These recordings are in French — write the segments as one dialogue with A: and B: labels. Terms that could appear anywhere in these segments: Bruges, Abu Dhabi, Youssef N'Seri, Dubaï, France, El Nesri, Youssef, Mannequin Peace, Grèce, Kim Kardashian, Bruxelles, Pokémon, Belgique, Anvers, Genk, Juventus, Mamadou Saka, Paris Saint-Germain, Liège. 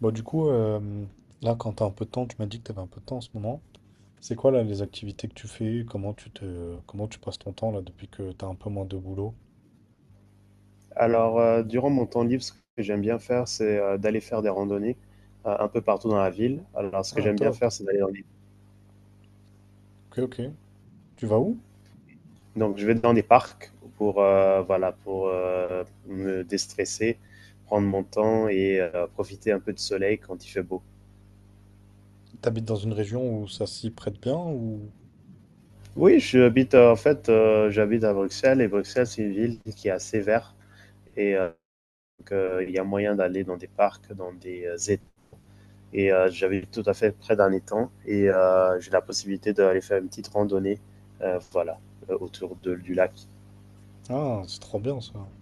A: Bon, du coup, là, quand tu as un peu de temps, tu m'as dit que tu avais un peu de temps en ce moment. C'est quoi, là, les activités que tu fais? Comment comment tu passes ton temps, là, depuis que tu as un peu moins de boulot?
B: Durant mon temps libre, ce que j'aime bien faire, c'est d'aller faire des randonnées un peu partout dans la ville. Alors, ce que
A: Ah,
B: j'aime bien
A: top.
B: faire, c'est d'aller dans des...
A: Ok, ok. Tu vas où?
B: Donc, je vais dans des parcs pour, me déstresser, prendre mon temps et profiter un peu du soleil quand il fait beau.
A: T'habites dans une région où ça s'y prête bien ou...
B: Oui, j'habite, en fait, j'habite à Bruxelles et Bruxelles, c'est une ville qui est assez verte et il y a moyen d'aller dans des parcs, dans des étangs. Et j'avais tout à fait près d'un étang et j'ai la possibilité d'aller faire une petite randonnée, euh, voilà, autour du lac.
A: Ah, c'est trop bien, ça.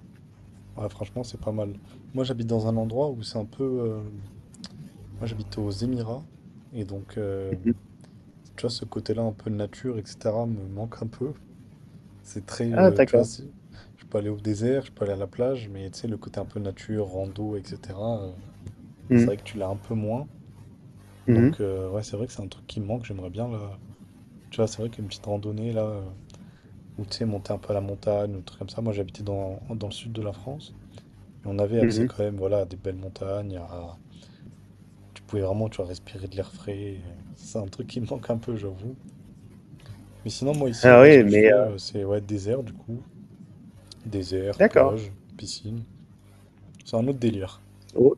A: Ouais, franchement, c'est pas mal. Moi, j'habite dans un endroit où c'est un peu... Moi, j'habite aux Émirats. Et donc,
B: Mhm.
A: tu vois, ce côté-là, un peu nature, etc., me manque un peu. C'est très,
B: Ah,
A: tu vois,
B: d'accord.
A: je peux aller au désert, je peux aller à la plage, mais tu sais, le côté un peu nature, rando, etc., c'est
B: Mhm.
A: vrai que tu l'as un peu moins.
B: Mhm.
A: Donc, ouais, c'est vrai que c'est un truc qui me manque, j'aimerais bien, là. Tu vois, c'est vrai qu'une petite randonnée, là, ou tu sais, monter un peu à la montagne, ou un truc comme ça. Moi, j'habitais dans le sud de la France, et on avait accès
B: Mhm.
A: quand même, voilà, à des belles montagnes, tu pouvais vraiment, tu vois, respirer de l'air frais, et c'est un truc qui me manque un peu, j'avoue. Mais sinon, moi, ici,
B: Ah
A: ouais, ce
B: oui,
A: que je
B: mais
A: fais, c'est, ouais, désert, du coup. Désert,
B: d'accord.
A: plage, piscine. C'est un autre délire.
B: Oh,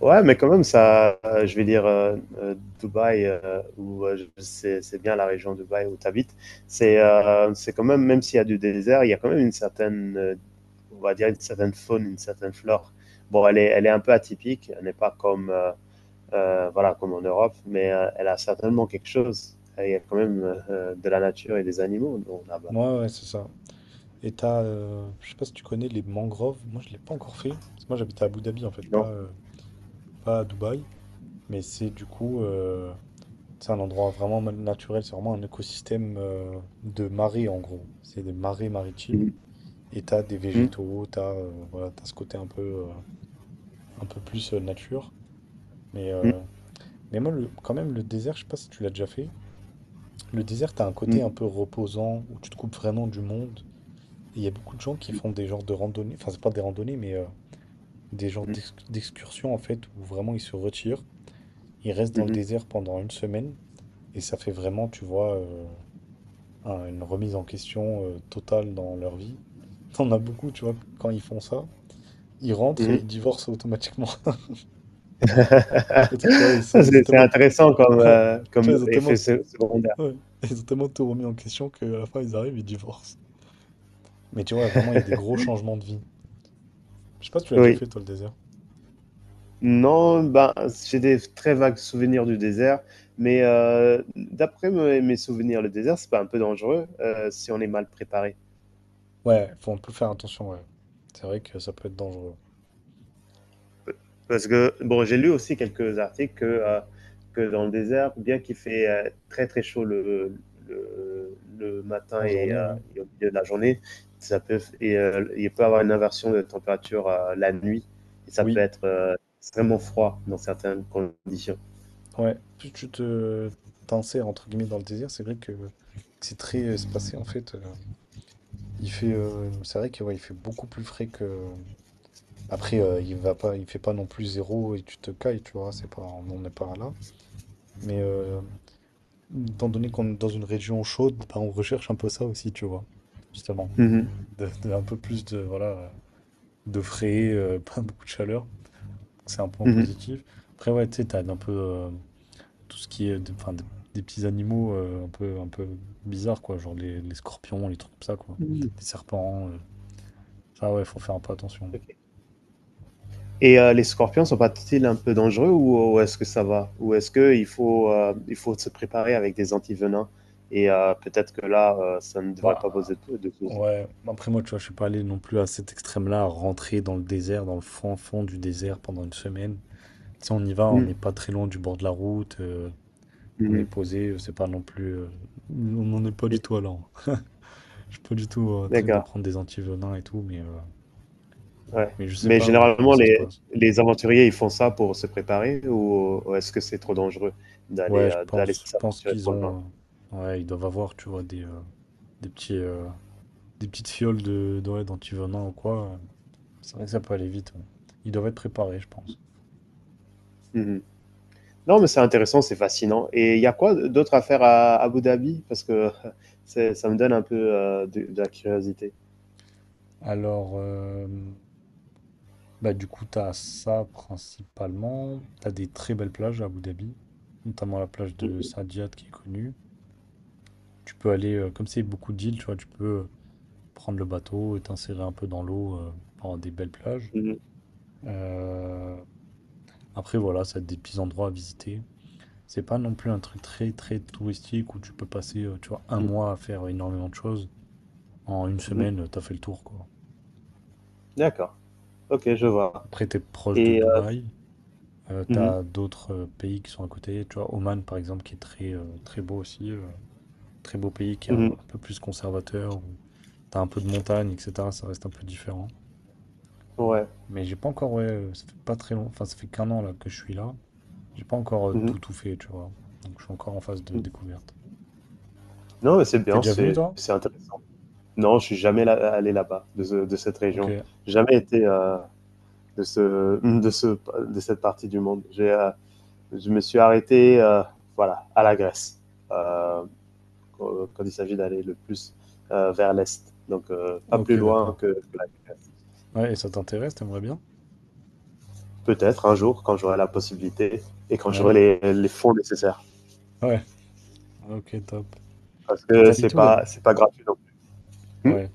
B: ouais, mais quand même, ça, Dubaï, c'est bien la région de Dubaï où tu habites, c'est quand même, même s'il y a du désert, il y a quand même une certaine, on va dire, une certaine faune, une certaine flore. Bon, elle est un peu atypique, elle n'est pas comme, voilà, comme en Europe, mais elle a certainement quelque chose. Il y a quand même de la nature et des animaux là-bas.
A: Moi, ouais, c'est ça. Et t'as, je sais pas si tu connais les mangroves. Moi, je l'ai pas encore fait. Parce que moi, j'habite à Abu Dhabi, en fait, pas,
B: Non.
A: euh, pas à Dubaï. Mais c'est du coup, c'est un endroit vraiment naturel. C'est vraiment un écosystème de marée, en gros. C'est des marées maritimes.
B: Mhm,
A: Et t'as des
B: mhm,
A: végétaux, t'as voilà, t'as ce côté euh, un peu plus nature. Mais euh, Mais moi, quand même, le désert, je sais pas si tu l'as déjà fait. Le désert, t'as un côté un
B: mhm,
A: peu reposant où tu te coupes vraiment du monde. Et il y a beaucoup de gens qui font des genres de randonnées, enfin, c'est pas des randonnées, mais des genres
B: mhm,
A: d'excursions en fait, où vraiment ils se retirent, ils restent dans le
B: mhm,
A: désert pendant une semaine et ça fait vraiment, tu vois, une remise en question totale dans leur vie. T'en as beaucoup, tu vois, quand ils font ça, ils rentrent et
B: mhm.
A: ils divorcent automatiquement. Parce que tu vois, ils ont
B: C'est
A: tellement,
B: intéressant comme,
A: tu
B: comme
A: vois, ils ont tellement.
B: effet secondaire.
A: Ouais. Ils ont tellement tout remis en question qu'à la fin, ils arrivent, ils divorcent. Mais tu vois, vraiment, il y a des gros changements de vie. Je sais pas si tu l'as déjà
B: Oui.
A: fait, toi, le désert.
B: Non, ben, j'ai des très vagues souvenirs du désert, mais d'après mes souvenirs, le désert, c'est pas un peu dangereux si on est mal préparé?
A: Ouais, faut un peu faire attention, ouais. C'est vrai que ça peut être dangereux.
B: Parce que, bon, j'ai lu aussi quelques articles que dans le désert, bien qu'il fait très très chaud le matin
A: En journée, ouais.
B: et au milieu de la journée, il peut y avoir une inversion de température la nuit et ça peut
A: Oui,
B: être extrêmement froid dans certaines conditions.
A: ouais. Plus tu te t'insères, entre guillemets, dans le désert, c'est vrai que c'est très espacé, en fait. Il fait, c'est vrai que, ouais, il fait beaucoup plus frais que... Après, il fait pas non plus zéro et tu te cailles, tu vois, c'est pas, on n'en est pas là. Mais euh, Étant donné qu'on est dans une région chaude, bah, on recherche un peu ça aussi, tu vois, justement.
B: Mhm,
A: Un peu plus de, voilà, de frais, pas beaucoup de chaleur. C'est un point
B: mhm.
A: positif. Après, ouais, tu sais, t'as un peu tout ce qui est enfin, des petits animaux un peu bizarres, quoi, genre les scorpions, les trucs comme ça, quoi.
B: Mhm.
A: Les serpents, ça, ouais, faut faire un peu attention.
B: Ok. Et les scorpions sont pas-ils un peu dangereux ou est-ce que ça va? Ou est-ce il faut se préparer avec des antivenins? Et peut-être que là, ça ne devrait pas
A: Bah,
B: poser de soucis.
A: ouais, après, moi, tu vois, je suis pas allé non plus à cet extrême-là, à rentrer dans le désert, dans le fond du désert pendant une semaine. Si on y va, on
B: Mmh,
A: n'est pas très loin du bord de la route, on est
B: mmh,
A: posé, c'est pas non plus. On n'en est pas du
B: mmh.
A: tout à là. Je suis pas du tout un truc de
B: D'accord,
A: prendre des antivenins et tout, mais, euh,
B: ouais.
A: mais je sais
B: Mais
A: pas ouais, comment
B: généralement,
A: ça se passe.
B: les aventuriers, ils font ça pour se préparer ou est-ce que c'est trop dangereux d'aller,
A: Ouais, je
B: d'aller
A: pense, je pense
B: s'aventurer
A: qu'ils
B: trop loin?
A: ont. Ouais, ils doivent avoir, tu vois, des petits, euh, des petites fioles de, ouais, d'antivenins ou quoi. C'est vrai que ça peut aller vite. Ouais. Ils doivent être préparés, je pense.
B: Mmh. Non, mais c'est intéressant, c'est fascinant et il y a quoi d'autre à faire à Abu Dhabi? Parce que c'est ça me donne un peu, de la curiosité.
A: Alors, bah, du coup, t'as ça principalement. T'as des très belles plages à Abu Dhabi, notamment la plage de
B: Mmh
A: Saadiyat qui est connue. Tu peux aller, comme c'est beaucoup d'îles, tu vois, tu peux prendre le bateau et t'insérer un peu dans l'eau par des belles plages.
B: mh, mmh
A: Euh, Après, voilà, ça a des petits endroits à visiter. C'est pas non plus un truc très très touristique où tu peux passer, tu vois, un
B: mh,
A: mois à faire énormément de choses. En une
B: mmh.
A: semaine, t'as fait le tour, quoi.
B: D'accord, OK, je vois
A: Après, t'es proche de
B: et
A: Dubaï.
B: mmh mh,
A: T'as d'autres pays qui sont à côté, tu vois, Oman par exemple qui est très beau aussi, très beau pays qui est un
B: mmh
A: peu plus conservateur, où t'as un peu de montagne, etc. Ça reste un peu différent.
B: ouais,
A: Mais j'ai pas encore, ouais, ça fait pas très long, enfin ça fait qu'un an là que je suis là, j'ai pas encore
B: mmh mh,
A: tout tout fait, tu vois. Donc je suis encore en phase de
B: mmh.
A: découverte.
B: Non, mais c'est
A: T'es
B: bien,
A: déjà venu toi?
B: c'est intéressant. Non, je suis jamais allé là-bas, de cette
A: Ok,
B: région. Jamais été de ce, de ce, de cette partie du monde. Je me suis arrêté, voilà, à la Grèce, euh, quand il s'agit d'aller le plus vers l'est. Donc, pas
A: ok,
B: plus loin
A: d'accord.
B: que la Grèce.
A: Ouais, et ça t'intéresse, t'aimerais bien?
B: Peut-être un jour, quand j'aurai la possibilité et quand
A: Ouais,
B: j'aurai les fonds nécessaires,
A: ouais, ok, top.
B: parce
A: Et
B: que
A: t'habites où là?
B: c'est pas gratuit non plus. Hmm.
A: Ouais.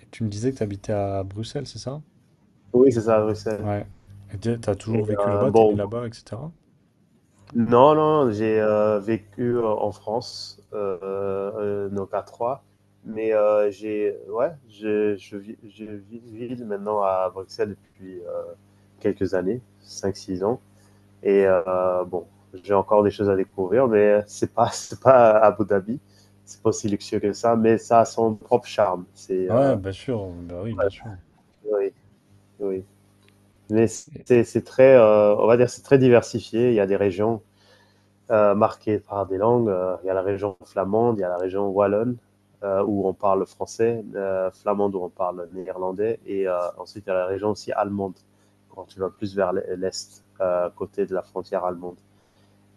A: Et tu me disais que t'habitais à Bruxelles, c'est ça?
B: Oui, c'est ça, Bruxelles.
A: Ouais. Et t'as
B: Et
A: toujours vécu là-bas, t'es né
B: bon,
A: là-bas, etc.
B: non, non, j'ai vécu en France, non pas trois, mais j'ai, ouais, je vis vis maintenant à Bruxelles depuis quelques années, 5, 6 ans. Et bon, j'ai encore des choses à découvrir, mais c'est pas, c'est pas à Abu Dhabi, c'est pas aussi luxueux que ça, mais ça a son propre charme.
A: Ouais, bien sûr, bah oui, bien sûr.
B: Oui, oui. Mais
A: Et-
B: c'est très, on va dire, c'est très diversifié. Il y a des régions marquée par des langues. Il y a la région flamande, il y a la région wallonne où on parle français, flamande où on parle néerlandais, et ensuite il y a la région aussi allemande quand tu vas plus vers l'est, côté de la frontière allemande.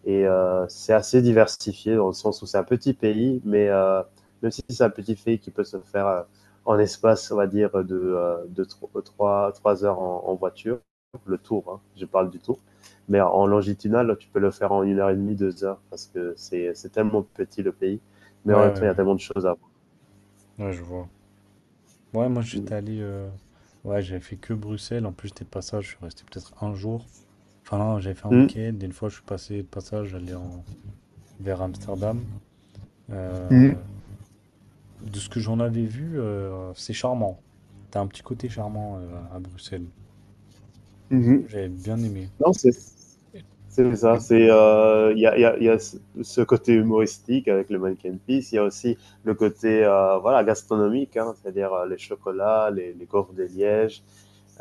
B: Et c'est assez diversifié dans le sens où c'est un petit pays, mais même si c'est un petit pays qui peut se faire en espace, on va dire, de 3 heures voiture, le tour, hein, je parle du tour, mais en longitudinal, tu peux le faire en 1 heure et demie, 2 heures, parce que c'est tellement petit le pays, mais en
A: Ouais,
B: même temps,
A: ouais,
B: il y a
A: ouais.
B: tellement de choses à voir.
A: Ouais, je vois. Ouais, moi j'étais allé. Ouais, j'avais fait que Bruxelles. En plus, j'étais de passage, je suis resté peut-être un jour. Enfin, non, j'avais fait un
B: Mmh.
A: week-end. Et une fois, je suis passé de passage, j'allais en... vers Amsterdam.
B: Mmh.
A: Euh, De ce que j'en avais vu, c'est charmant. T'as un petit côté charmant à Bruxelles.
B: Mmh.
A: J'avais bien aimé.
B: Non, c'est ça.
A: Et-
B: C'est il y, a, il y, a, il y, a, ce Ce côté humoristique avec le Mannequin Peace. Il y a aussi le côté gastronomique, hein, c'est-à-dire les chocolats, les gaufres des lièges.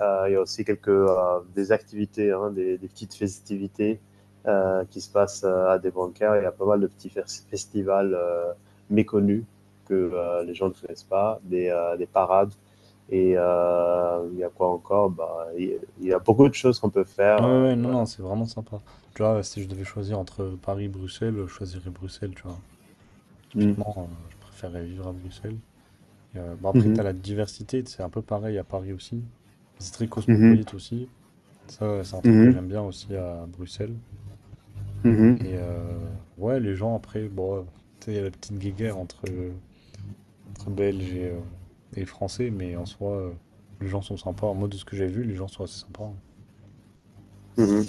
B: Il y a aussi quelques des activités, hein, petites festivités qui se passent à des bancaires. Il y a pas mal de petits festivals méconnus que les gens ne connaissent pas, des parades et il y a quoi encore bah, il y a beaucoup de choses qu'on peut faire.
A: Ouais, ouais, ouais, non, non,
B: Voilà.
A: c'est vraiment sympa. Tu vois, si je devais choisir entre Paris et Bruxelles, je choisirais Bruxelles, tu vois.
B: Mhm,
A: Typiquement, je préférerais vivre à Bruxelles. Et, bon, après,
B: mhm,
A: t'as la diversité, c'est un peu pareil à Paris aussi. C'est très cosmopolite aussi. Ça, c'est un truc que
B: mhm,
A: j'aime bien aussi à Bruxelles.
B: mhm,
A: Et ouais, les gens, après, bon, tu sais, il y a la petite guéguerre entre Belges et Français, mais en soi, les gens sont sympas. Moi, de ce que j'ai vu, les gens sont assez sympas, hein.
B: mhm.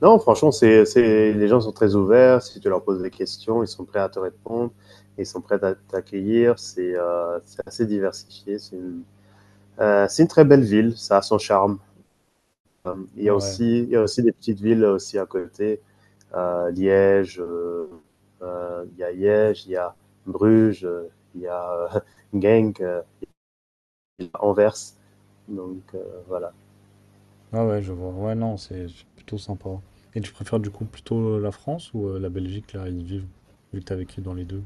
B: Non, franchement, les gens sont très ouverts. Si tu leur poses des questions, ils sont prêts à te répondre. Ils sont prêts à t'accueillir. C'est assez diversifié. C'est une très belle ville. Ça a son charme.
A: Ouais, ouais.
B: Il y a aussi des petites villes aussi à côté euh, Liège, euh, il y a Liège, il y a Bruges, il y a Genk, il y a Anvers. Donc voilà.
A: Ah ouais, je vois. Ouais, non, c'est plutôt sympa. Et tu préfères du coup plutôt la France ou la Belgique, là, ils vivent, vu que t'as vécu dans les deux?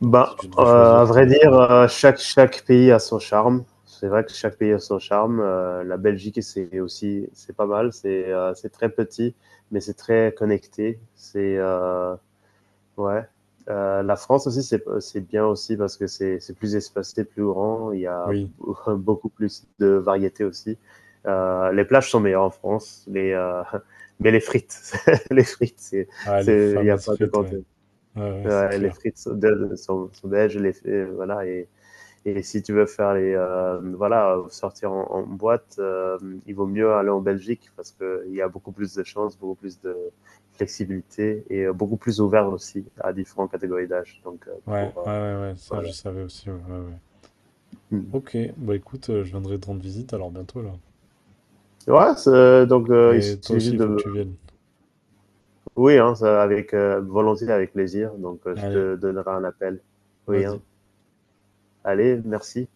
B: Ben,
A: Si tu devais choisir,
B: à
A: si
B: vrai
A: t'avais le
B: dire,
A: choix.
B: chaque pays a son charme, c'est vrai que chaque pays a son charme. La Belgique, c'est pas mal. C'est très petit, mais c'est très connecté. C'est ouais. La France aussi, c'est bien aussi parce que c'est plus espacé, plus grand. Il y a
A: Oui.
B: beaucoup plus de variétés aussi. Les plages sont meilleures en France, mais les frites, les frites,
A: Ah, les
B: c'est il y a
A: fameuses
B: pas de
A: frites,
B: contr
A: ouais. Ouais, ouais, c'est
B: ouais, les
A: clair.
B: frites sont de sont sont belges, les f et voilà et si tu veux faire sortir en boîte, il vaut mieux aller en Belgique parce qu'il y a beaucoup plus de chances, beaucoup plus de flexibilité et beaucoup plus ouvert aussi à différentes catégories d'âge. Donc,
A: Ouais,
B: pour, euh,
A: ouais, ouais, ouais, ça,
B: voilà.
A: je savais aussi, ouais, ouais, ouais. Ok, bah écoute, je viendrai te rendre visite alors bientôt, là.
B: Ouais, c'est, donc, il
A: Et toi
B: suffit
A: aussi,
B: juste
A: il faut que
B: de.
A: tu viennes.
B: Oui, hein, ça, avec volonté, avec plaisir. Donc, je
A: Allez,
B: te donnerai un appel. Oui, hein,
A: vas-y.
B: allez, merci.